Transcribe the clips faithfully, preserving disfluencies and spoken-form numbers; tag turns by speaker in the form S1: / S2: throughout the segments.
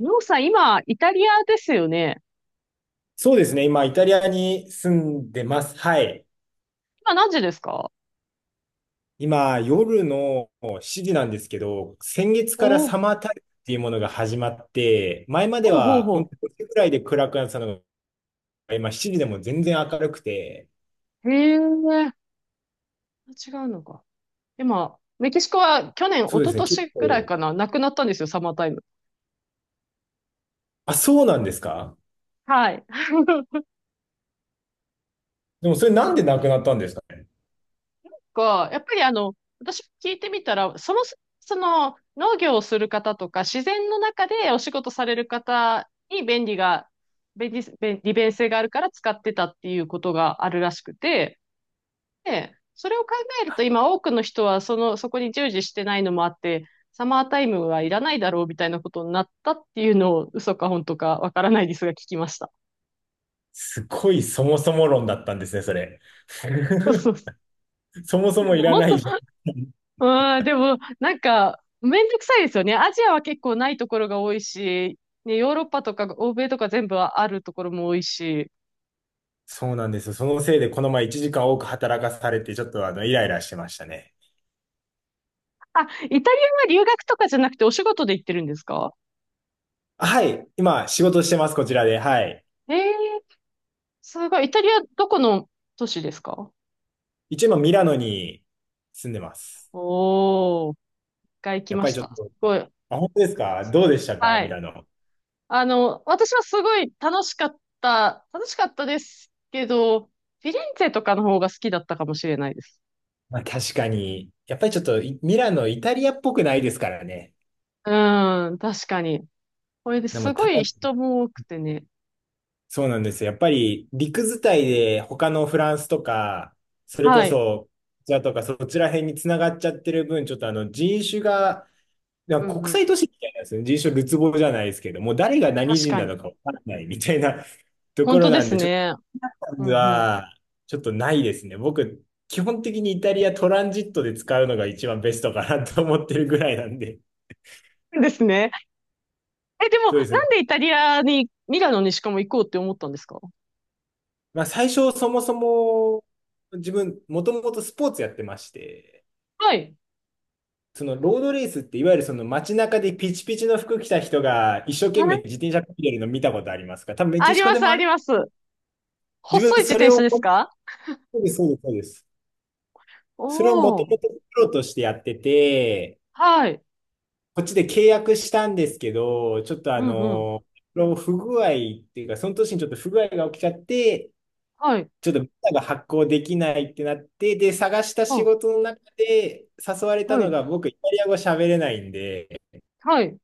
S1: りょうさん、今、イタリアですよね。
S2: そうですね。今、イタリアに住んでます。はい。
S1: 今何時ですか？
S2: 今、夜のしちじなんですけど、先月
S1: お
S2: から
S1: ー
S2: サマータイムっていうものが始まって、前まで
S1: ほうほう
S2: は本
S1: ほ
S2: 当にごじぐらいで暗くなってたのが、今しちじでも全然明るくて、
S1: う。へえ、違うのか。今、メキシコは去年、
S2: そ
S1: 一
S2: うで
S1: 昨
S2: すね。結
S1: 年ぐらい
S2: 構、
S1: かな、なくなったんですよ、サマータイム。
S2: あ、そうなんですか？
S1: はい。
S2: でもそれなんでなくなったんですかね？
S1: か、やっぱりあの、私聞いてみたら、その、その、農業をする方とか、自然の中でお仕事される方に便利が、便利、便利便性があるから使ってたっていうことがあるらしくて、で、それを考えると今多くの人はその、そこに従事してないのもあって、サマータイムはいらないだろうみたいなことになったっていうのを嘘か本当かわからないですが聞きました。
S2: すごいそもそも論だったんですね、それ。
S1: そうそ うそ
S2: そもそ
S1: う。で
S2: もい
S1: も
S2: ら
S1: 本
S2: ない
S1: 当、
S2: じゃん。
S1: うん、でもなんかめんどくさいですよね。アジアは結構ないところが多いし、ね、ヨーロッパとか欧米とか全部あるところも多いし。
S2: そうなんですよ。そのせいでこの前いちじかん多く働かされて、ちょっとあの、イライラしてましたね。
S1: あ、イタリアは留学とかじゃなくてお仕事で行ってるんですか？
S2: はい。今、仕事してます、こちらで。はい。
S1: ええーすごい。イタリアどこの都市ですか？
S2: 一応今、ミラノに住んでます。
S1: おー。が行き
S2: やっ
S1: ま
S2: ぱり
S1: し
S2: ちょっ
S1: た。す
S2: と、
S1: ごい。
S2: あ、本当ですか？どうでしたか
S1: は
S2: ミ
S1: い。
S2: ラノ。
S1: あの、私はすごい楽しかった、楽しかったですけど、フィレンツェとかの方が好きだったかもしれないです。
S2: まあ、確かに。やっぱりちょっと、いミラノ、イタリアっぽくないですからね。
S1: うーん、確かに。これで
S2: でも、
S1: す
S2: た
S1: ご
S2: だ、
S1: い人も多くてね。
S2: そうなんですよ。やっぱり、陸伝いで、他のフランスとか、それこ
S1: はい。
S2: そ、こちらとか、そちら辺に繋がっちゃってる分、ちょっとあの、人種が、な
S1: う
S2: ん
S1: ん
S2: か
S1: う
S2: 国
S1: ん。
S2: 際都市みたいなんですよね。人種るつぼじゃないですけど、もう誰が何
S1: 確
S2: 人
S1: か
S2: な
S1: に。
S2: のかわからないみたいな。と
S1: 本
S2: こ
S1: 当
S2: ろ
S1: で
S2: なん
S1: す
S2: で、ちょっ
S1: ね。
S2: と
S1: うんう
S2: は、ちょっとないですね。僕、基本的にイタリアトランジットで使うのが一番ベストかなと思ってるぐらいなんで。
S1: ん。ですね。え、でも、
S2: そうです
S1: な
S2: ね。
S1: んでイタリアに、ミラノにしかも行こうって思ったんですか？
S2: まあ、最初、そもそも、自分、もともとスポーツやってまして、
S1: はい。
S2: そのロードレースって、いわゆるその街中でピチピチの服着た人が一生
S1: は
S2: 懸命
S1: い、
S2: 自転車こいでるの見たことありますか？多分メ
S1: あ
S2: キ
S1: り
S2: シコ
S1: ま
S2: で
S1: す、
S2: も
S1: あ
S2: あ
S1: り
S2: る。
S1: ます。
S2: 自
S1: 細い
S2: 分、
S1: 自
S2: それ
S1: 転車
S2: を、
S1: です
S2: そ
S1: か？
S2: うです、そうです、そうです。それをも
S1: お
S2: とも
S1: ー。
S2: とプロとしてやってて、
S1: はい。
S2: こっちで契約したんですけど、ちょっとあ
S1: うんうん。
S2: の、不具合っていうか、その年にちょっと不具合が起きちゃって、
S1: はい。
S2: ちょっとビザが発行できないってなって、で、探した仕
S1: は
S2: 事の中で誘われ
S1: あ、
S2: た
S1: は
S2: の
S1: い、
S2: が、僕、イタリア語喋れないんで、
S1: はい。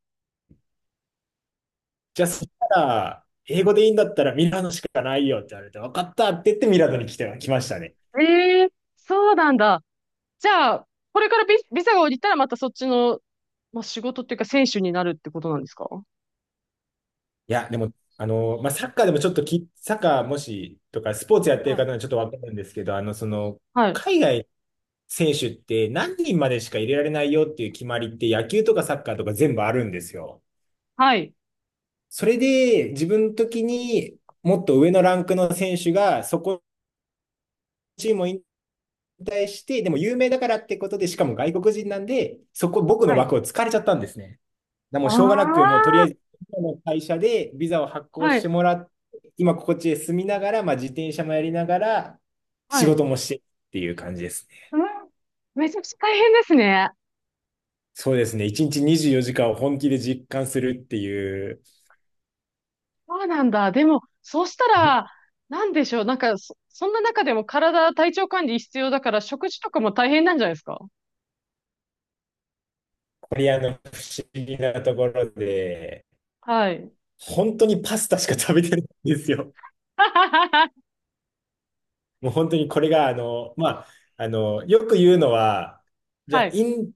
S2: じゃあそしたら、英語でいいんだったらミラノしかないよって言われて、分かったって言ってミラノに来て、来ましたね。
S1: ええ、そうなんだ。じゃあ、これからビ、ビザが降りたらまたそっちの、まあ、仕事っていうか選手になるってことなんですか？
S2: いや、でも、あの、まあ、サッカーでもちょっとき、サッカーもしとか、スポーツやってる
S1: はい。
S2: 方はちょっと分かるんですけど、あの、その、
S1: はい。
S2: 海外選手って何人までしか入れられないよっていう決まりって野球とかサッカーとか全部あるんですよ。
S1: はい。
S2: それで自分の時にもっと上のランクの選手がそこのチームを引退して、でも有名だからってことで、しかも外国人なんで、そこ僕の
S1: はい。
S2: 枠を突かれちゃったんですね。でもう
S1: あ
S2: しょうがな
S1: あ、
S2: く、もうとりあえず今の会社でビザを発行
S1: は
S2: して
S1: い。
S2: もらって、今こっちで住みながら、まあ、自転車もやりながら
S1: は
S2: 仕
S1: い。
S2: 事もしてっていう感じですね。
S1: うん。めちゃくちゃ大変ですね。
S2: そうですね。一日にじゅうよじかんを本気で実感するっていう、
S1: そうなんだ。でも、そうしたら、なんでしょう。なんか、そ、そんな中でも体、体調管理必要だから、食事とかも大変なんじゃないですか？
S2: コリアの不思議なところで、
S1: はい。
S2: 本当にパスタしか食べてないんですよ。もう本当にこれが、あの、まあ、あの、よく言うのは、じゃあ、
S1: はい。
S2: イン、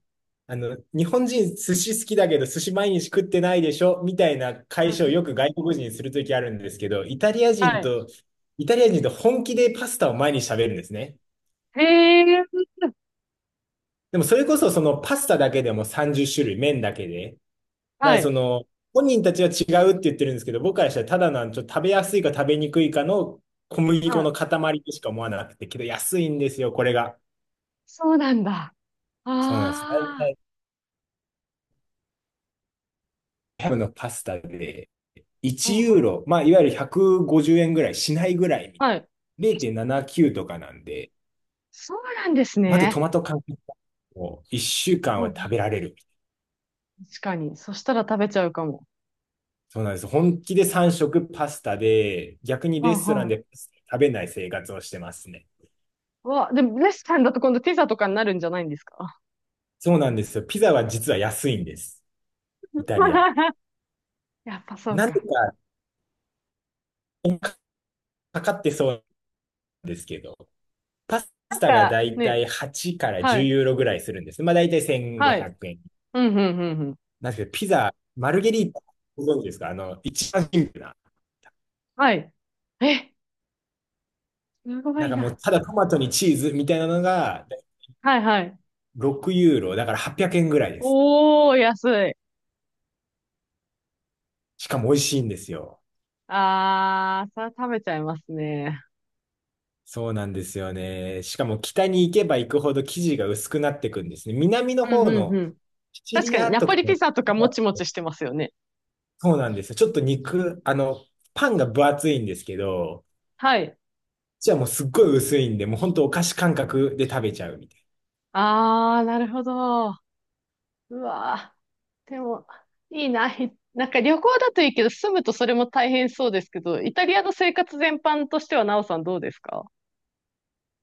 S2: あの、日本人寿司好きだけど寿司毎日食ってないでしょみたいな
S1: うん
S2: 会社
S1: う
S2: をよく
S1: ん、
S2: 外国人にするときあるんですけど、イタリア
S1: は
S2: 人
S1: い。
S2: と、イタリア人と本気でパスタを毎日食べるんですね。
S1: へえ。
S2: でもそれこそそのパスタだけでもさんじゅっ種類、麺だけで。だか
S1: は
S2: らそ
S1: い。
S2: の、本人たちは違うって言ってるんですけど、僕からしたらただなん、ちょっと食べやすいか食べにくいかの小麦
S1: は
S2: 粉
S1: い。
S2: の塊としか思わなくて、けど安いんですよ、これが。
S1: そうなんだ。あ
S2: そうなんです
S1: あ。
S2: ね。大ブのパスタで
S1: うん
S2: いちユー
S1: うん。
S2: ロ、まあ、いわゆるひゃくごじゅうえんぐらいしないぐらい、
S1: はい。
S2: れいてんななきゅうとかなんで、
S1: そうなんです
S2: また
S1: ね。
S2: トマト缶を1週
S1: う
S2: 間
S1: んう
S2: は食
S1: ん。
S2: べられる。
S1: 確かに。そしたら食べちゃうかも。
S2: そうなんです。本気でさん食パスタで、逆に
S1: う
S2: レ
S1: ん
S2: ストラ
S1: う
S2: ン
S1: ん。
S2: でパスタ食べない生活をしてますね。
S1: うわ、でもレストランだと今度ピザとかになるんじゃないんですか？
S2: そうなんですよ。ピザは実は安いんです。イタリア。
S1: やっぱそう
S2: なんで
S1: か。
S2: か、かかってそうですけど、パスタが
S1: なん
S2: だ
S1: か、
S2: いたい
S1: ね、
S2: はちから
S1: は
S2: じゅう
S1: い。
S2: ユーロぐらいするんです。まあだいたい
S1: は
S2: 1500
S1: い。
S2: 円。
S1: うんうんうんうん。
S2: なんですけど、ピザ、マルゲリータ、ご存知ですか？あの、一番シンプルな。
S1: はい。え、すご
S2: なん
S1: い
S2: かも
S1: な。
S2: う、ただトマトにチーズみたいなのが
S1: はいはい。
S2: ろくユーロ、だからはっぴゃくえんぐらいです。
S1: おー、安い。
S2: しかも美味しいんですよ。
S1: あー、それは食べちゃいますね。
S2: そうなんですよね。しかも北に行けば行くほど生地が薄くなっていくんですね。南の
S1: うん
S2: 方
S1: うんう
S2: の
S1: ん。
S2: シチ
S1: 確
S2: リ
S1: かに、
S2: ア
S1: ナ
S2: と
S1: ポ
S2: か
S1: リピ
S2: の
S1: ザとかもちもちしてますよね。
S2: そうなんですよ。ちょっと肉、あの、パンが分厚いんですけど、
S1: はい。
S2: じゃあもうすっごい薄いんで、もうほんとお菓子感覚で食べちゃうみたい
S1: ああ、なるほど。うわー。でも、いいな。ひなんか旅行だといいけど、住むとそれも大変そうですけど、イタリアの生活全般としては、なおさんどうですか？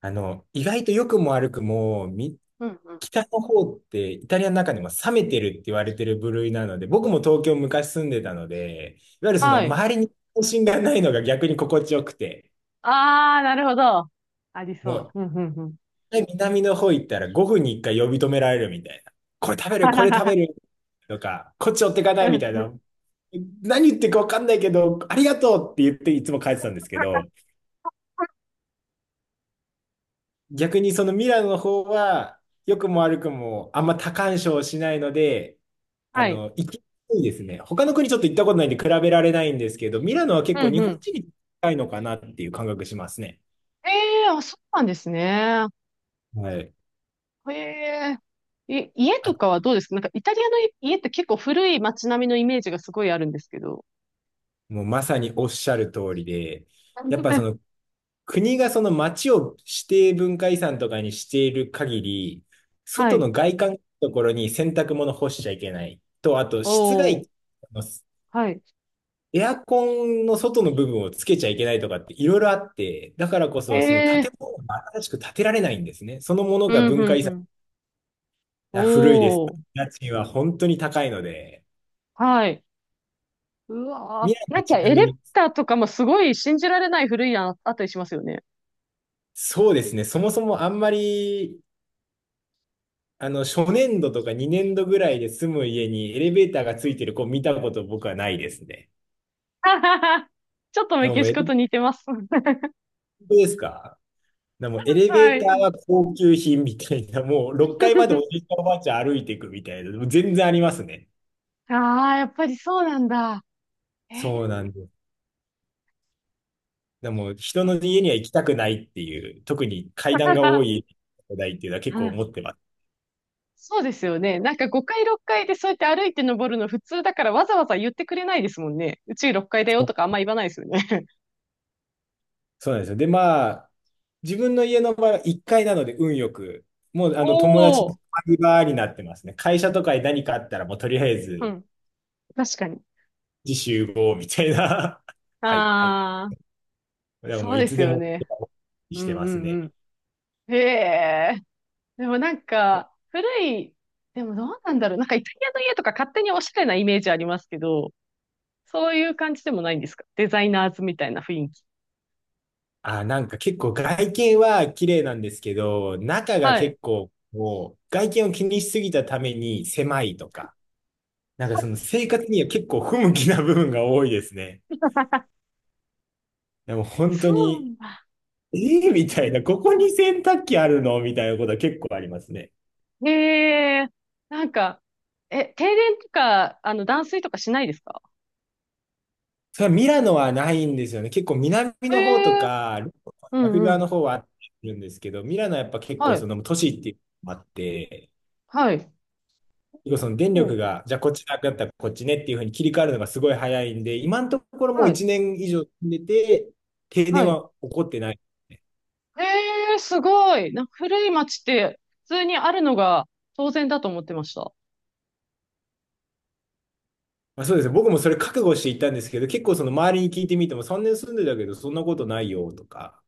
S2: な。あの、意外と良くも悪くも、み、
S1: うんうん。
S2: 北の方ってイタリアの中でも冷めてるって言われてる部類なので、僕も東京昔住んでたので、いわゆるその
S1: はい。
S2: 周りに関心がないのが逆に心地よくて、
S1: ああ、なるほど。あり
S2: も
S1: そ
S2: う
S1: う。うん、うん、うん。
S2: 南の方行ったらごふんにいっかい呼び止められるみたいな。これ食 べ
S1: は
S2: る、こ
S1: は
S2: れ
S1: は
S2: 食
S1: は
S2: べるとか、こっち寄ってかな
S1: う
S2: いみ
S1: ん
S2: たい
S1: うん、
S2: な何言ってるか分かんないけど、ありがとうって言っていつも帰ってたんですけど、逆にそのミラノの方は、良くも悪くもあんま多干渉しないので、あ
S1: はい。
S2: の、行きやすいですね。他の国ちょっと行ったことないんで比べられないんですけど、ミラノは結構
S1: うん
S2: 日
S1: う
S2: 本
S1: ん。
S2: 人に近いのかなっていう感覚しますね。
S1: ええ、あ、そうなんですね。
S2: はい。
S1: ええ、い、家
S2: あ、
S1: とかはどうですか？なんかイタリアの家って結構古い街並みのイメージがすごいあるんですけど。
S2: もうまさにおっしゃる通りで、やっぱその 国がその町を指定文化遺産とかにしている限り、
S1: は
S2: 外
S1: い。
S2: の外観のところに洗濯物干しちゃいけない。と、あと、
S1: お
S2: 室外
S1: お。
S2: 機の
S1: はい。
S2: エアコンの外の部分をつけちゃいけないとかっていろいろあって、だからこ
S1: え
S2: そその建
S1: え、
S2: 物が新しく建てられないんですね。そのもの
S1: う
S2: が
S1: ん、う
S2: 文化
S1: ん、
S2: 遺
S1: う
S2: 産、
S1: ん。
S2: あ古いです。
S1: おー。
S2: 家賃は本当に高いので、
S1: はい。う
S2: 未
S1: わ
S2: 来
S1: ー。な
S2: は
S1: んか
S2: ち
S1: エ
S2: な
S1: レベ
S2: み
S1: ー
S2: に、
S1: ターとかもすごい信じられない古いやんあったりしますよね。
S2: そうですね、そもそもあんまりあの、初年度とかにねん度ぐらいで住む家にエレベーターがついてる子見たこと僕はないですね。
S1: はははちょっと
S2: で
S1: メ
S2: もも
S1: キ
S2: うエ
S1: シ
S2: レ
S1: コ
S2: ベ
S1: と
S2: ー
S1: 似てます。
S2: ターですか？でもエレ
S1: は
S2: ベーター
S1: い。
S2: は高級品みたいな、もうろっかいまでおじいち ゃんおばあちゃん歩いていくみたいな、もう全然ありますね。
S1: ああ、やっぱりそうなんだ。え
S2: そうなんです。でも人
S1: え
S2: の家には行きたくないっていう、特に階段が 多い世代っていうのは結
S1: う
S2: 構思
S1: ん、
S2: ってます。
S1: そうですよね。なんかごかい、ろっかいでそうやって歩いて登るの普通だからわざわざ言ってくれないですもんね。うちろっかいだよとかあんま言わないですよね。
S2: そうなんですよ。で、まあ、自分の家の場合はいっかいなので運よく、もう あの友達
S1: お
S2: の
S1: お。
S2: バ場になってますね。会社とかに何かあったら、もうとりあえ
S1: う
S2: ず、
S1: ん。確かに。
S2: 自習合みたいな。はい、はい。
S1: ああ。
S2: だからも
S1: そ
S2: う
S1: う
S2: い
S1: で
S2: つ
S1: す
S2: で
S1: よ
S2: も
S1: ね。う
S2: して
S1: ん
S2: ま
S1: う
S2: すね。
S1: んうん。へえ。でもなんか、古い、でもどうなんだろう。なんかイタリアの家とか勝手におしゃれなイメージありますけど、そういう感じでもないんですか？デザイナーズみたいな雰囲気。
S2: あ、なんか結構外見は綺麗なんですけど、中が
S1: はい。
S2: 結構もう外見を気にしすぎたために狭いとか、なんかその生活には結構不向きな部分が多いですね。でも本当
S1: そうな
S2: に、
S1: んだ。うんうんう
S2: ええみたいな、ここに洗濯機あるのみたいなことは結構ありますね。
S1: んへえ。なんか、え、停電とか、あの、断水とかしないですか？
S2: それはミラノはないんですよね。結構南
S1: へ
S2: の方と
S1: え。
S2: か、
S1: う
S2: ラフ
S1: んう
S2: 側の
S1: ん。
S2: 方はあるんですけど、ミラノはやっぱ結
S1: は
S2: 構そ
S1: い。
S2: の都市っていうのもあって、
S1: はい。
S2: 結構その電力
S1: お
S2: が、じゃあこっちなくなったらこっちねっていうふうに切り替わるのがすごい早いんで、今のところもう
S1: はい。
S2: いちねん以上住んでて、停電
S1: はい。
S2: は起こってない。
S1: ええ、すごい。なんか古い町って普通にあるのが当然だと思ってました。
S2: まあ、そうですね。僕もそれ覚悟していったんですけど、結構その周りに聞いてみても、さんねん住んでたけど、そんなことないよとか。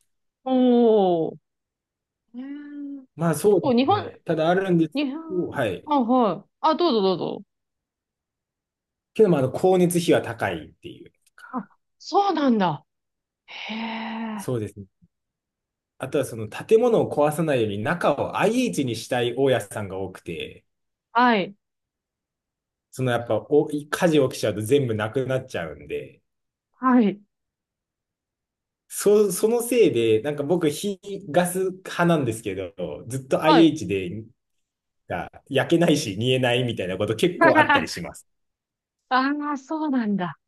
S1: おー。えー、
S2: まあそ
S1: 結
S2: うで
S1: 構日
S2: す
S1: 本、
S2: ね。ただあるんです
S1: 日
S2: けど、
S1: 本、
S2: はい。
S1: あ、はい。あ、どうぞどうぞ。
S2: けど、まあ、あの、光熱費は高いっていう。
S1: あ、そうなんだ。へえ。
S2: そうですね。あとはその建物を壊さないように中を アイエイチ にしたい大家さんが多くて、
S1: はい。
S2: そのやっぱお火事起きちゃうと全部なくなっちゃうんで、
S1: はい。
S2: そ、そのせいで、なんか僕、火、ガス派なんですけど、ずっと
S1: はい。
S2: アイエイチ で、が焼けないし、煮えないみたいなこと結構あったり します。
S1: ああ、そうなんだ。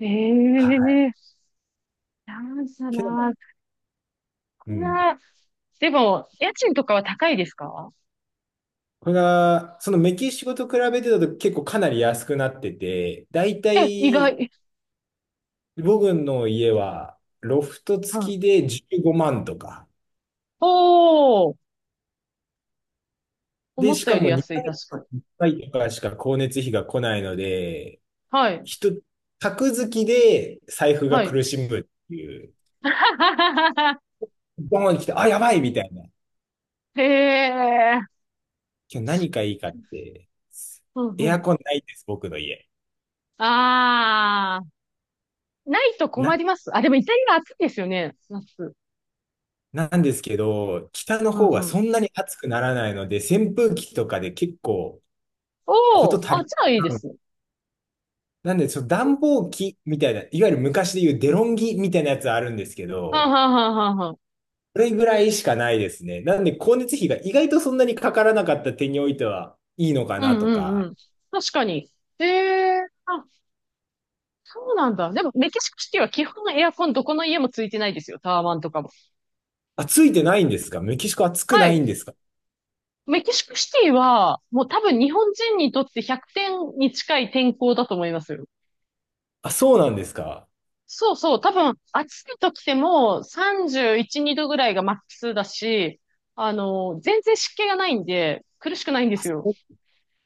S1: え
S2: はい。
S1: え、なんだ
S2: けどまあ、
S1: な。こ
S2: う
S1: ん
S2: ん。
S1: な、でも、家賃とかは高いですか？
S2: これが、そのメキシコと比べてだと結構かなり安くなってて、だいた
S1: え、意
S2: い
S1: 外。
S2: 僕の家はロフト
S1: は
S2: 付き
S1: い。
S2: でじゅうごまんとか。
S1: おー。
S2: で、
S1: 思っ
S2: し
S1: た
S2: か
S1: より
S2: も
S1: 安い、
S2: 2ヶ
S1: 確か
S2: 月
S1: に。
S2: にいっかいとかしか光熱費が来ないので、
S1: はい。
S2: 人、宅付きで財布が
S1: はい。
S2: 苦しむっていう。ボーンに来て、あ、やばいみたいな。
S1: へえ。
S2: 今日何かいいかって。
S1: うん
S2: エ
S1: う
S2: ア
S1: ん。
S2: コンないんです、僕の家。
S1: ああ、ないと困
S2: な
S1: ります。あ、でもイタリア暑いですよね、夏。
S2: なんですけど、北の
S1: う
S2: 方は
S1: んうん。
S2: そんなに暑くならないので、扇風機とかで結構こ
S1: お
S2: と
S1: お、
S2: 足
S1: あ、
S2: り
S1: じゃあいいで
S2: ない。
S1: す。
S2: なんで、その暖房機みたいな、いわゆる昔で言うデロンギみたいなやつあるんですけ
S1: はん
S2: ど、
S1: はんはんはんはん。
S2: それぐらいしかないですね。なんで、光熱費が意外とそんなにかからなかった点においてはいいのか
S1: う
S2: な
S1: ん
S2: と
S1: うんう
S2: か。
S1: ん。確かに。ええ、あ、そうなんだ。でも、メキシコシティは基本エアコンどこの家もついてないですよ。タワマンとかも。
S2: あ、ついてないんですか？メキシコ暑く
S1: は
S2: ないん
S1: い。
S2: ですか？
S1: メキシコシティは、もう多分日本人にとってひゃくてんに近い天候だと思いますよ。
S2: あ、そうなんですか？
S1: そうそう、多分暑い時でもさんじゅういち、にどぐらいがマックスだし、あの、全然湿気がないんで、苦しくないんですよ。
S2: お、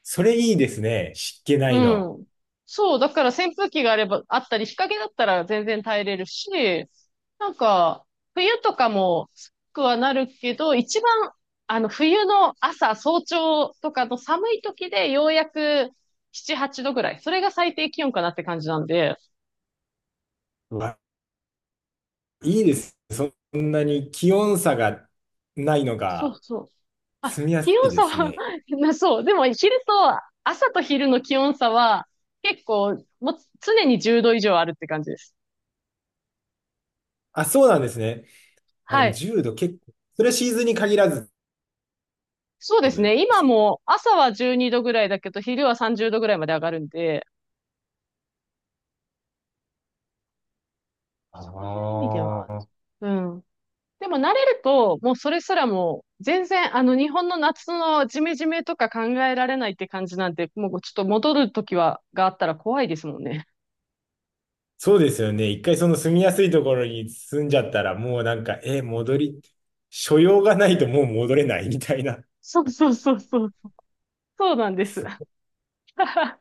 S2: それいいですね。湿気な
S1: う
S2: いの。
S1: ん。そう、だから扇風機があれば、あったり、日陰だったら全然耐えれるし、なんか、冬とかも暑くはなるけど、一番、あの、冬の朝、早朝とかの寒い時でようやくなな、はちどぐらい。それが最低気温かなって感じなんで、
S2: うわ、いいです。そんなに気温差がないの
S1: そう
S2: が。
S1: そう、あ、
S2: 住みや
S1: 気
S2: すい
S1: 温
S2: で
S1: 差
S2: す
S1: は
S2: ね。
S1: なそう。でも昼と、朝と昼の気温差は結構、もう常にじゅうど以上あるって感じです。
S2: あ、そうなんですね。あ、で
S1: は
S2: も
S1: い。
S2: じゅうど結構、それはシーズンに限らずって
S1: そうで
S2: こと
S1: す
S2: で
S1: ね。今
S2: すか。
S1: も朝はじゅうにどぐらいだけど、昼はさんじゅうどぐらいまで上がるんで、そういう意味で
S2: あ
S1: は、
S2: あ、
S1: うん。でも慣れると、もうそれすらもう全然、あの日本の夏のジメジメとか考えられないって感じなんで、もうちょっと戻る時は、があったら怖いですもんね。
S2: そうですよね。一回その住みやすいところに住んじゃったら、もうなんか、え、戻り、所用がないともう戻れないみたいな。
S1: そうそうそうそう。そうなん
S2: あ、
S1: です。
S2: すごい。
S1: あ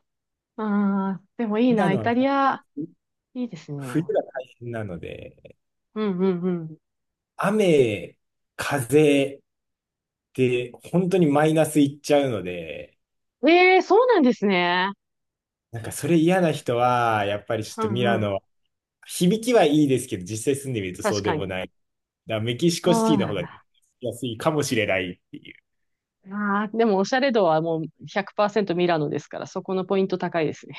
S1: あ、でもいい
S2: ミラ
S1: な、
S2: ノ
S1: イタリ
S2: は
S1: ア、いいですね。
S2: 冬
S1: う
S2: が大変なので、
S1: んうんう
S2: 雨、風で本当にマイナスいっちゃうので、
S1: ん。ええ、そうなんですね。
S2: なんかそれ嫌な人は、やっぱりちょっ
S1: う
S2: とミラ
S1: んうん。
S2: ノ、響きはいいですけど、実際住んでみるとそ
S1: 確
S2: うで
S1: か
S2: も
S1: に。
S2: ない。だからメキシコシテ
S1: そ
S2: ィ
S1: う
S2: の
S1: な
S2: 方
S1: ん
S2: が
S1: だ。
S2: 安いかもしれないっていう。
S1: ああ、でもおしゃれ度はもうひゃくパーセントミラノですから、そこのポイント高いですね。